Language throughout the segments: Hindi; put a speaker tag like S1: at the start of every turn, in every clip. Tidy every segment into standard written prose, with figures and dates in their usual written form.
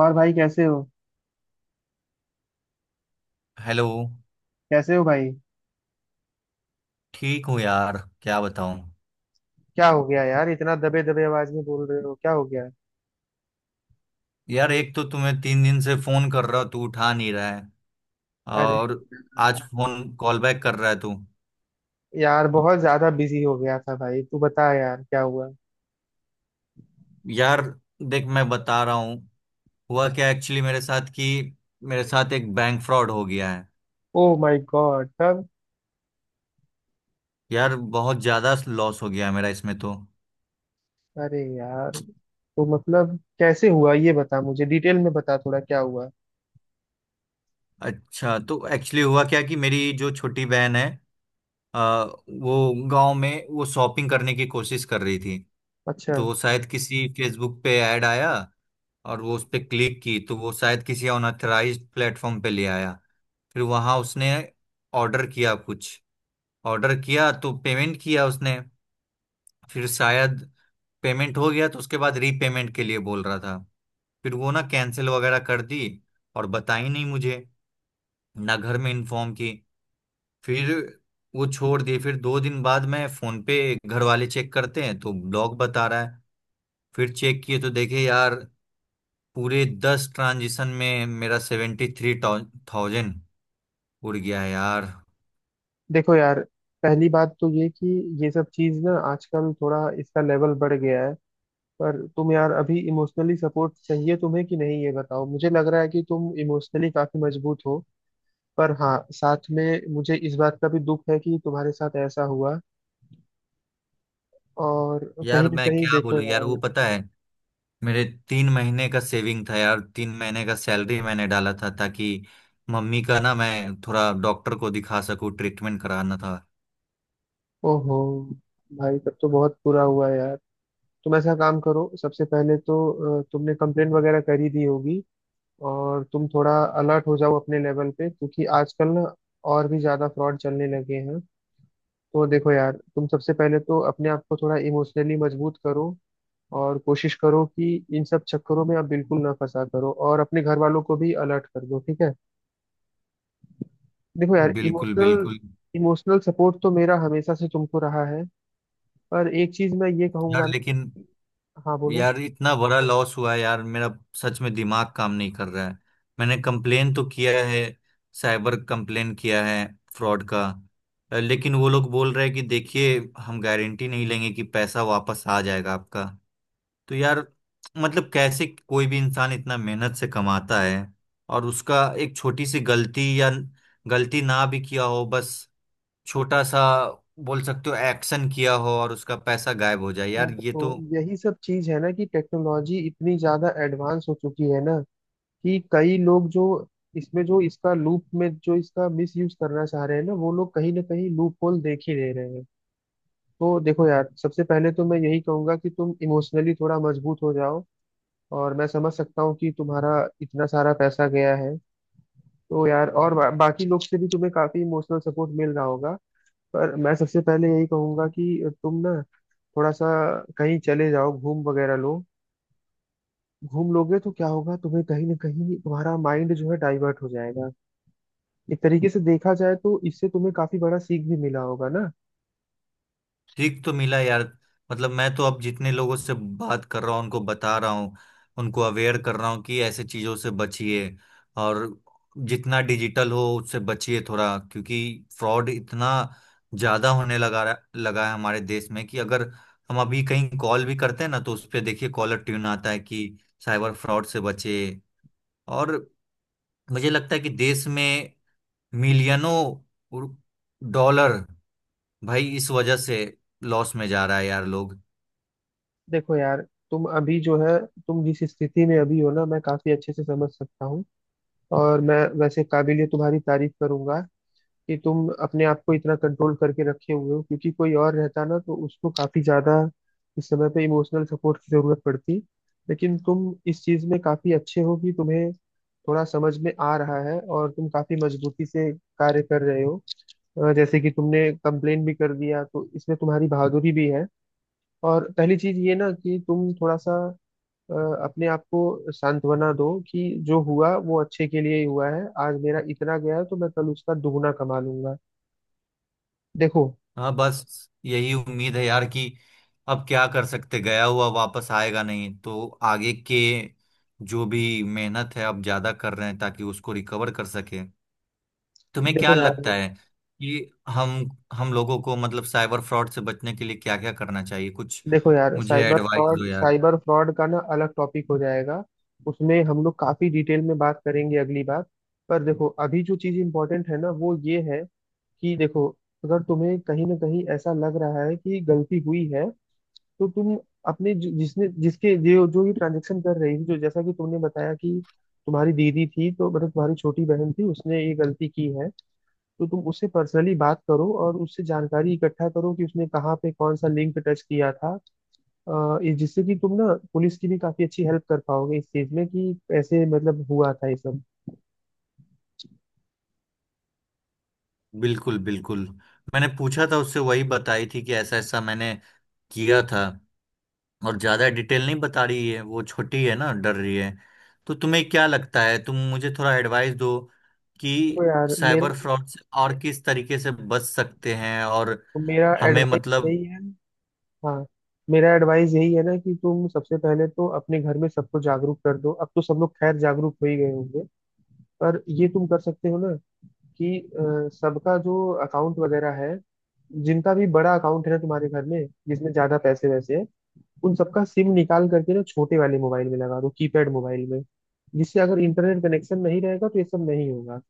S1: और भाई कैसे हो।
S2: हेलो।
S1: कैसे हो भाई?
S2: ठीक हूँ यार, क्या बताऊँ।
S1: क्या हो गया यार, इतना दबे दबे आवाज में बोल रहे हो, क्या हो गया?
S2: यार एक तो तुम्हें 3 दिन से फोन कर रहा हूँ, तू उठा नहीं रहा है
S1: अरे
S2: और आज फोन कॉल बैक कर रहा है तू।
S1: यार, बहुत ज्यादा बिजी हो गया था भाई। तू बता यार, क्या हुआ?
S2: यार देख मैं बता रहा हूँ, हुआ क्या एक्चुअली मेरे साथ कि मेरे साथ एक बैंक फ्रॉड हो गया है।
S1: ओ माय गॉड, तब?
S2: यार बहुत ज्यादा लॉस हो गया है मेरा इसमें तो।
S1: अरे यार, तो मतलब कैसे हुआ ये बता, मुझे डिटेल में बता थोड़ा क्या हुआ।
S2: अच्छा, तो एक्चुअली हुआ क्या कि मेरी जो छोटी बहन है, वो गांव में वो शॉपिंग करने की कोशिश कर रही थी।
S1: अच्छा।
S2: तो शायद किसी फेसबुक पे ऐड आया और वो उस पर क्लिक की तो वो शायद किसी अनऑथराइज्ड प्लेटफॉर्म पे ले आया। फिर वहां उसने ऑर्डर किया कुछ, ऑर्डर किया तो पेमेंट किया उसने। फिर शायद पेमेंट हो गया तो उसके बाद रीपेमेंट के लिए बोल रहा था। फिर वो ना कैंसिल वगैरह कर दी और बताई नहीं मुझे, ना घर में इन्फॉर्म की। फिर वो छोड़ दिए, फिर 2 दिन बाद मैं फोन पे घर वाले चेक करते हैं तो ब्लॉग बता रहा है। फिर चेक किए तो देखे यार, पूरे 10 ट्रांजिशन में मेरा 73,000 उड़ गया है यार।
S1: देखो यार, पहली बात तो ये कि ये सब चीज ना आजकल थोड़ा इसका लेवल बढ़ गया है। पर तुम यार अभी इमोशनली सपोर्ट चाहिए तुम्हें कि नहीं ये बताओ, मुझे लग रहा है कि तुम इमोशनली काफी मजबूत हो। पर हाँ, साथ में मुझे इस बात का भी दुख है कि तुम्हारे साथ ऐसा हुआ। और कहीं
S2: यार
S1: ना
S2: मैं
S1: कहीं
S2: क्या
S1: देखो
S2: बोलूं यार,
S1: यार।
S2: वो पता है मेरे 3 महीने का सेविंग था यार, 3 महीने का सैलरी मैंने डाला था ताकि मम्मी का ना मैं थोड़ा डॉक्टर को दिखा सकूं, ट्रीटमेंट कराना था।
S1: ओहो। भाई, तब तो बहुत बुरा हुआ यार। तुम ऐसा काम करो, सबसे पहले तो तुमने कंप्लेन वगैरह कर ही दी होगी। और तुम थोड़ा अलर्ट हो जाओ अपने लेवल पे, क्योंकि आजकल ना और भी ज्यादा फ्रॉड चलने लगे हैं। तो देखो यार, तुम सबसे पहले तो अपने आप को थोड़ा इमोशनली मजबूत करो और कोशिश करो कि इन सब चक्करों में आप बिल्कुल ना फंसा करो, और अपने घर वालों को भी अलर्ट कर दो, ठीक है? देखो यार,
S2: बिल्कुल
S1: इमोशनल
S2: बिल्कुल।
S1: इमोशनल सपोर्ट तो मेरा हमेशा से तुमको रहा है। पर एक चीज मैं ये
S2: यार
S1: कहूंगा ना।
S2: लेकिन
S1: हाँ बोलो।
S2: यार इतना बड़ा लॉस हुआ है यार मेरा, सच में दिमाग काम नहीं कर रहा है। मैंने कंप्लेन तो किया है, साइबर कंप्लेन किया है फ्रॉड का। लेकिन वो लोग बोल रहे हैं कि देखिए हम गारंटी नहीं लेंगे कि पैसा वापस आ जाएगा आपका। तो यार मतलब कैसे कोई भी इंसान इतना मेहनत से कमाता है और उसका एक छोटी सी गलती या गलती ना भी किया हो, बस छोटा सा बोल सकते हो एक्शन किया हो और उसका पैसा गायब हो जाए
S1: मैं
S2: यार, ये
S1: तो
S2: तो।
S1: यही सब चीज है ना कि टेक्नोलॉजी इतनी ज्यादा एडवांस हो चुकी है ना, कि कई लोग जो इसमें जो इसका लूप में जो इसका मिस यूज करना चाह रहे हैं ना, वो लोग कहीं ना कहीं लूप होल देख ही ले रहे हैं। तो देखो यार, सबसे पहले तो मैं यही कहूंगा कि तुम इमोशनली थोड़ा मजबूत हो जाओ। और मैं समझ सकता हूँ कि तुम्हारा इतना सारा पैसा गया है। तो यार, और बाकी लोग से भी तुम्हें काफी इमोशनल सपोर्ट मिल रहा होगा। पर मैं सबसे पहले यही कहूंगा कि तुम ना थोड़ा सा कहीं चले जाओ, घूम वगैरह लो। घूम लोगे तो क्या होगा, तुम्हें कहीं ना कहीं तुम्हारा माइंड जो है डाइवर्ट हो जाएगा। एक तरीके से देखा जाए तो इससे तुम्हें काफी बड़ा सीख भी मिला होगा ना।
S2: ठीक तो मिला यार, मतलब मैं तो अब जितने लोगों से बात कर रहा हूँ उनको बता रहा हूँ, उनको अवेयर कर रहा हूँ कि ऐसे चीज़ों से बचिए और जितना डिजिटल हो उससे बचिए थोड़ा, क्योंकि फ्रॉड इतना ज़्यादा होने लगा है हमारे देश में कि अगर हम अभी कहीं कॉल भी करते हैं ना तो उस पे देखिए कॉलर ट्यून आता है कि साइबर फ्रॉड से बचे। और मुझे लगता है कि देश में मिलियनों डॉलर भाई इस वजह से लॉस में जा रहा है यार लोग।
S1: देखो यार, तुम अभी जो है, तुम जिस स्थिति में अभी हो ना, मैं काफी अच्छे से समझ सकता हूँ। और मैं वैसे काबिलियत तुम्हारी तारीफ करूंगा कि तुम अपने आप को इतना कंट्रोल करके रखे हुए हो, क्योंकि कोई और रहता ना तो उसको काफी ज्यादा इस समय पे इमोशनल सपोर्ट की जरूरत पड़ती। लेकिन तुम इस चीज में काफी अच्छे हो कि तुम्हें थोड़ा समझ में आ रहा है और तुम काफी मजबूती से कार्य कर रहे हो। जैसे कि तुमने कंप्लेन भी कर दिया, तो इसमें तुम्हारी बहादुरी भी है। और पहली चीज ये ना कि तुम थोड़ा सा अ, अपने आप को सांत्वना दो कि जो हुआ वो अच्छे के लिए ही हुआ है। आज मेरा इतना गया है तो मैं कल उसका दुगना कमा लूंगा। देखो।
S2: हाँ बस यही उम्मीद है यार कि अब क्या कर सकते, गया हुआ वापस आएगा नहीं, तो आगे के जो भी मेहनत है अब ज्यादा कर रहे हैं ताकि उसको रिकवर कर सके। तुम्हें क्या
S1: देखो यार
S2: लगता है कि हम लोगों को मतलब साइबर फ्रॉड से बचने के लिए क्या क्या करना चाहिए कुछ,
S1: देखो यार,
S2: मुझे
S1: साइबर
S2: एडवाइस
S1: फ्रॉड,
S2: दो यार।
S1: साइबर फ्रॉड का ना अलग टॉपिक हो जाएगा। उसमें हम लोग काफी डिटेल में बात करेंगे अगली बार। पर देखो, अभी जो चीज इम्पोर्टेंट है ना वो ये है कि देखो, अगर तुम्हें कहीं ना कहीं ऐसा लग रहा है कि गलती हुई है, तो तुम अपने जिसने जिसके जो जो ये ट्रांजेक्शन कर रही थी, जो, जैसा कि तुमने बताया कि तुम्हारी दीदी थी, तो मतलब तुम्हारी छोटी बहन थी, उसने ये गलती की है। तो तुम उससे पर्सनली बात करो और उससे जानकारी इकट्ठा करो कि उसने कहाँ पे कौन सा लिंक टच किया था। ये जिससे कि तुम ना पुलिस की भी काफी अच्छी हेल्प कर पाओगे इस चीज में कि ऐसे मतलब हुआ था ये सब।
S2: बिल्कुल बिल्कुल। मैंने पूछा था उससे, वही बताई थी कि ऐसा ऐसा मैंने किया था और ज्यादा डिटेल नहीं बता रही है, वो छोटी है ना, डर रही है। तो तुम्हें क्या लगता है, तुम मुझे थोड़ा एडवाइस दो कि
S1: तो यार, मेरा
S2: साइबर फ्रॉड से और किस तरीके से बच सकते हैं और
S1: मेरा
S2: हमें
S1: एडवाइस
S2: मतलब।
S1: यही है। हाँ, मेरा एडवाइस यही है ना कि तुम सबसे पहले तो अपने घर में सबको जागरूक कर दो। अब तो सब लोग खैर जागरूक हो ही गए होंगे। पर ये तुम कर सकते हो ना कि सबका जो अकाउंट वगैरह है, जिनका भी बड़ा अकाउंट है ना तुम्हारे घर में, जिसमें ज्यादा पैसे वैसे हैं, उन सबका सिम निकाल करके ना छोटे वाले मोबाइल में लगा दो, कीपैड मोबाइल में, जिससे अगर इंटरनेट कनेक्शन नहीं रहेगा तो ये सब नहीं होगा।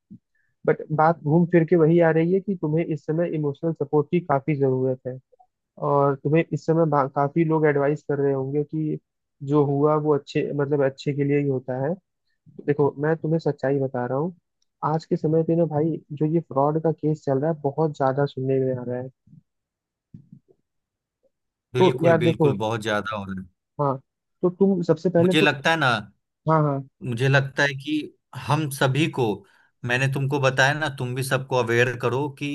S1: बट बात घूम फिर के वही आ रही है कि तुम्हें इस समय इमोशनल सपोर्ट की काफी जरूरत है। और तुम्हें इस समय काफी लोग एडवाइस कर रहे होंगे कि जो हुआ वो अच्छे मतलब अच्छे के लिए ही होता है। देखो, मैं तुम्हें सच्चाई बता रहा हूँ। आज के समय पे ना भाई, जो ये फ्रॉड का केस चल रहा है, बहुत ज्यादा सुनने में आ रहा है। तो
S2: बिल्कुल
S1: यार देखो।
S2: बिल्कुल, बहुत ज्यादा हो रहा है।
S1: हाँ। तो तुम सबसे पहले
S2: मुझे
S1: तो।
S2: लगता है ना,
S1: हाँ हाँ।
S2: मुझे लगता है कि हम सभी को, मैंने तुमको बताया ना, तुम भी सबको अवेयर करो कि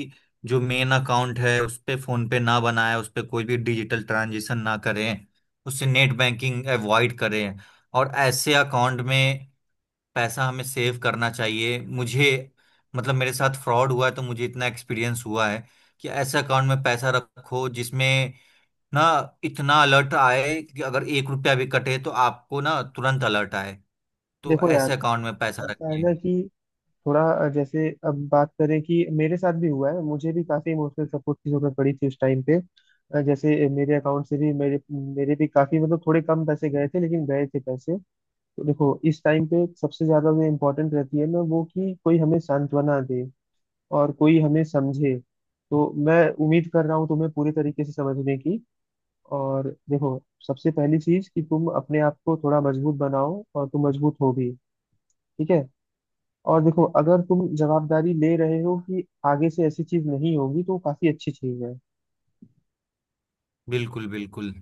S2: जो मेन अकाउंट है उस पे फोन पे ना बनाएं, उस पे कोई भी डिजिटल ट्रांजेक्शन ना करें, उससे नेट बैंकिंग अवॉइड करें और ऐसे अकाउंट में पैसा हमें सेव करना चाहिए। मुझे मतलब मेरे साथ फ्रॉड हुआ है तो मुझे इतना एक्सपीरियंस हुआ है कि ऐसे अकाउंट में पैसा रखो जिसमें ना इतना अलर्ट आए कि अगर 1 रुपया भी कटे तो आपको ना तुरंत अलर्ट आए, तो
S1: देखो यार,
S2: ऐसे अकाउंट में पैसा
S1: ऐसा है
S2: रखिए।
S1: ना कि थोड़ा जैसे अब बात करें कि मेरे साथ भी हुआ है, मुझे भी काफी इमोशनल सपोर्ट की जरूरत पड़ी थी उस टाइम पे। जैसे मेरे अकाउंट से भी मेरे मेरे भी काफी मतलब थोड़े कम पैसे गए थे, लेकिन गए थे पैसे। तो देखो, इस टाइम पे सबसे ज्यादा जो इम्पोर्टेंट रहती है ना वो कि कोई हमें सांत्वना दे और कोई हमें समझे। तो मैं उम्मीद कर रहा हूँ तुम्हें पूरे तरीके से समझने की। और देखो, सबसे पहली चीज कि तुम अपने आप को थोड़ा मजबूत बनाओ, और तुम मजबूत हो भी, ठीक है? और देखो, अगर तुम जवाबदारी ले रहे हो कि आगे से ऐसी चीज नहीं होगी, तो वो काफी अच्छी चीज है।
S2: बिल्कुल बिल्कुल।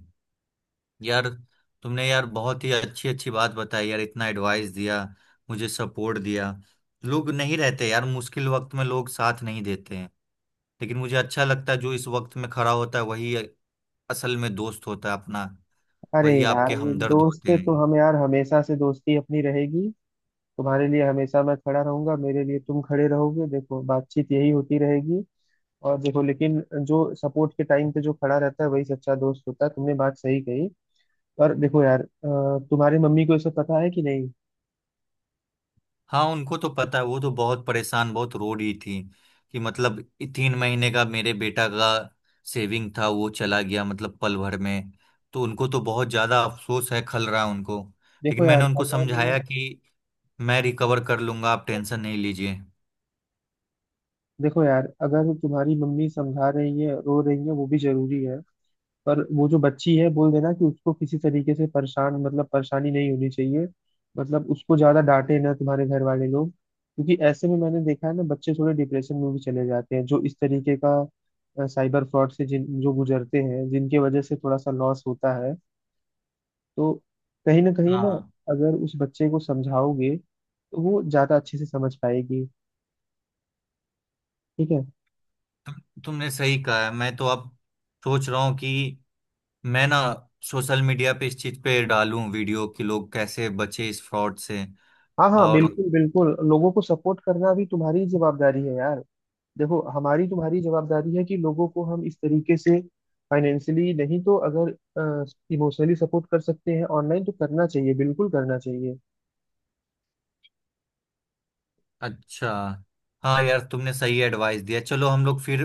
S2: यार तुमने यार बहुत ही अच्छी अच्छी बात बताई यार, इतना एडवाइस दिया, मुझे सपोर्ट दिया। लोग नहीं रहते यार मुश्किल वक्त में, लोग साथ नहीं देते हैं, लेकिन मुझे अच्छा लगता है, जो इस वक्त में खड़ा होता है वही असल में दोस्त होता है अपना,
S1: अरे
S2: वही
S1: यार,
S2: आपके
S1: ये
S2: हमदर्द
S1: दोस्त
S2: होते
S1: से
S2: हैं।
S1: तो हम यार हमेशा से दोस्ती अपनी रहेगी। तुम्हारे लिए हमेशा मैं खड़ा रहूंगा, मेरे लिए तुम खड़े रहोगे, देखो बातचीत यही होती रहेगी। और देखो लेकिन, जो सपोर्ट के टाइम पे जो खड़ा रहता है वही सच्चा दोस्त होता है, तुमने बात सही कही। और देखो यार, तुम्हारी मम्मी को ये सब पता है कि नहीं?
S2: हाँ उनको तो पता है, वो तो बहुत परेशान, बहुत रो रही थी कि मतलब 3 महीने का मेरे बेटा का सेविंग था, वो चला गया मतलब पल भर में। तो उनको तो बहुत ज्यादा अफसोस है, खल रहा है उनको,
S1: देखो
S2: लेकिन
S1: यार
S2: मैंने उनको
S1: अगर
S2: समझाया कि मैं रिकवर कर लूंगा, आप टेंशन नहीं लीजिए।
S1: देखो यार, अगर तुम्हारी मम्मी समझा रही है, रो रही है, वो भी जरूरी है। पर वो जो बच्ची है, बोल देना कि उसको किसी तरीके से परेशान मतलब परेशानी नहीं होनी चाहिए। मतलब उसको ज्यादा डांटे ना तुम्हारे घर वाले लोग, क्योंकि ऐसे में मैंने देखा है ना, बच्चे थोड़े डिप्रेशन में भी चले जाते हैं जो इस तरीके का साइबर फ्रॉड से जिन जो गुजरते हैं, जिनके वजह से थोड़ा सा लॉस होता है। तो कहीं ना कहीं ना,
S2: हाँ,
S1: अगर उस बच्चे को समझाओगे तो वो ज्यादा अच्छे से समझ पाएगी, ठीक है?
S2: तुमने सही कहा है, मैं तो अब सोच रहा हूँ कि मैं ना सोशल मीडिया पे इस चीज पे डालूं वीडियो कि लोग कैसे बचे इस फ्रॉड से।
S1: हाँ हाँ,
S2: और
S1: बिल्कुल बिल्कुल, लोगों को सपोर्ट करना भी तुम्हारी ही जिम्मेदारी है यार। देखो, हमारी तुम्हारी जवाबदारी है कि लोगों को हम इस तरीके से, फाइनेंशियली नहीं तो अगर इमोशनली सपोर्ट कर सकते हैं ऑनलाइन, तो करना चाहिए, बिल्कुल करना चाहिए।
S2: अच्छा, हाँ यार, तुमने सही एडवाइस दिया, चलो हम लोग फिर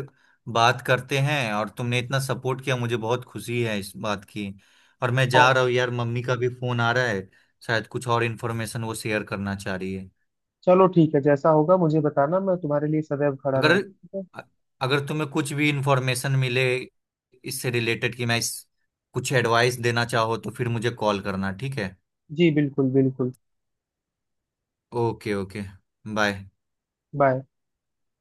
S2: बात करते हैं, और तुमने इतना सपोर्ट किया, मुझे बहुत खुशी है इस बात की। और मैं जा
S1: हाँ,
S2: रहा हूँ यार, मम्मी का भी फोन आ रहा है, शायद कुछ और इन्फॉर्मेशन वो शेयर करना चाह रही है।
S1: चलो ठीक है, जैसा होगा मुझे बताना, मैं तुम्हारे लिए सदैव खड़ा
S2: अगर
S1: रहूंगा, ठीक है?
S2: अगर तुम्हें कुछ भी इन्फॉर्मेशन मिले इससे रिलेटेड कि मैं इस, कुछ एडवाइस देना चाहो तो फिर मुझे कॉल करना, ठीक है।
S1: जी बिल्कुल बिल्कुल।
S2: Okay okay. बाय।
S1: बाय।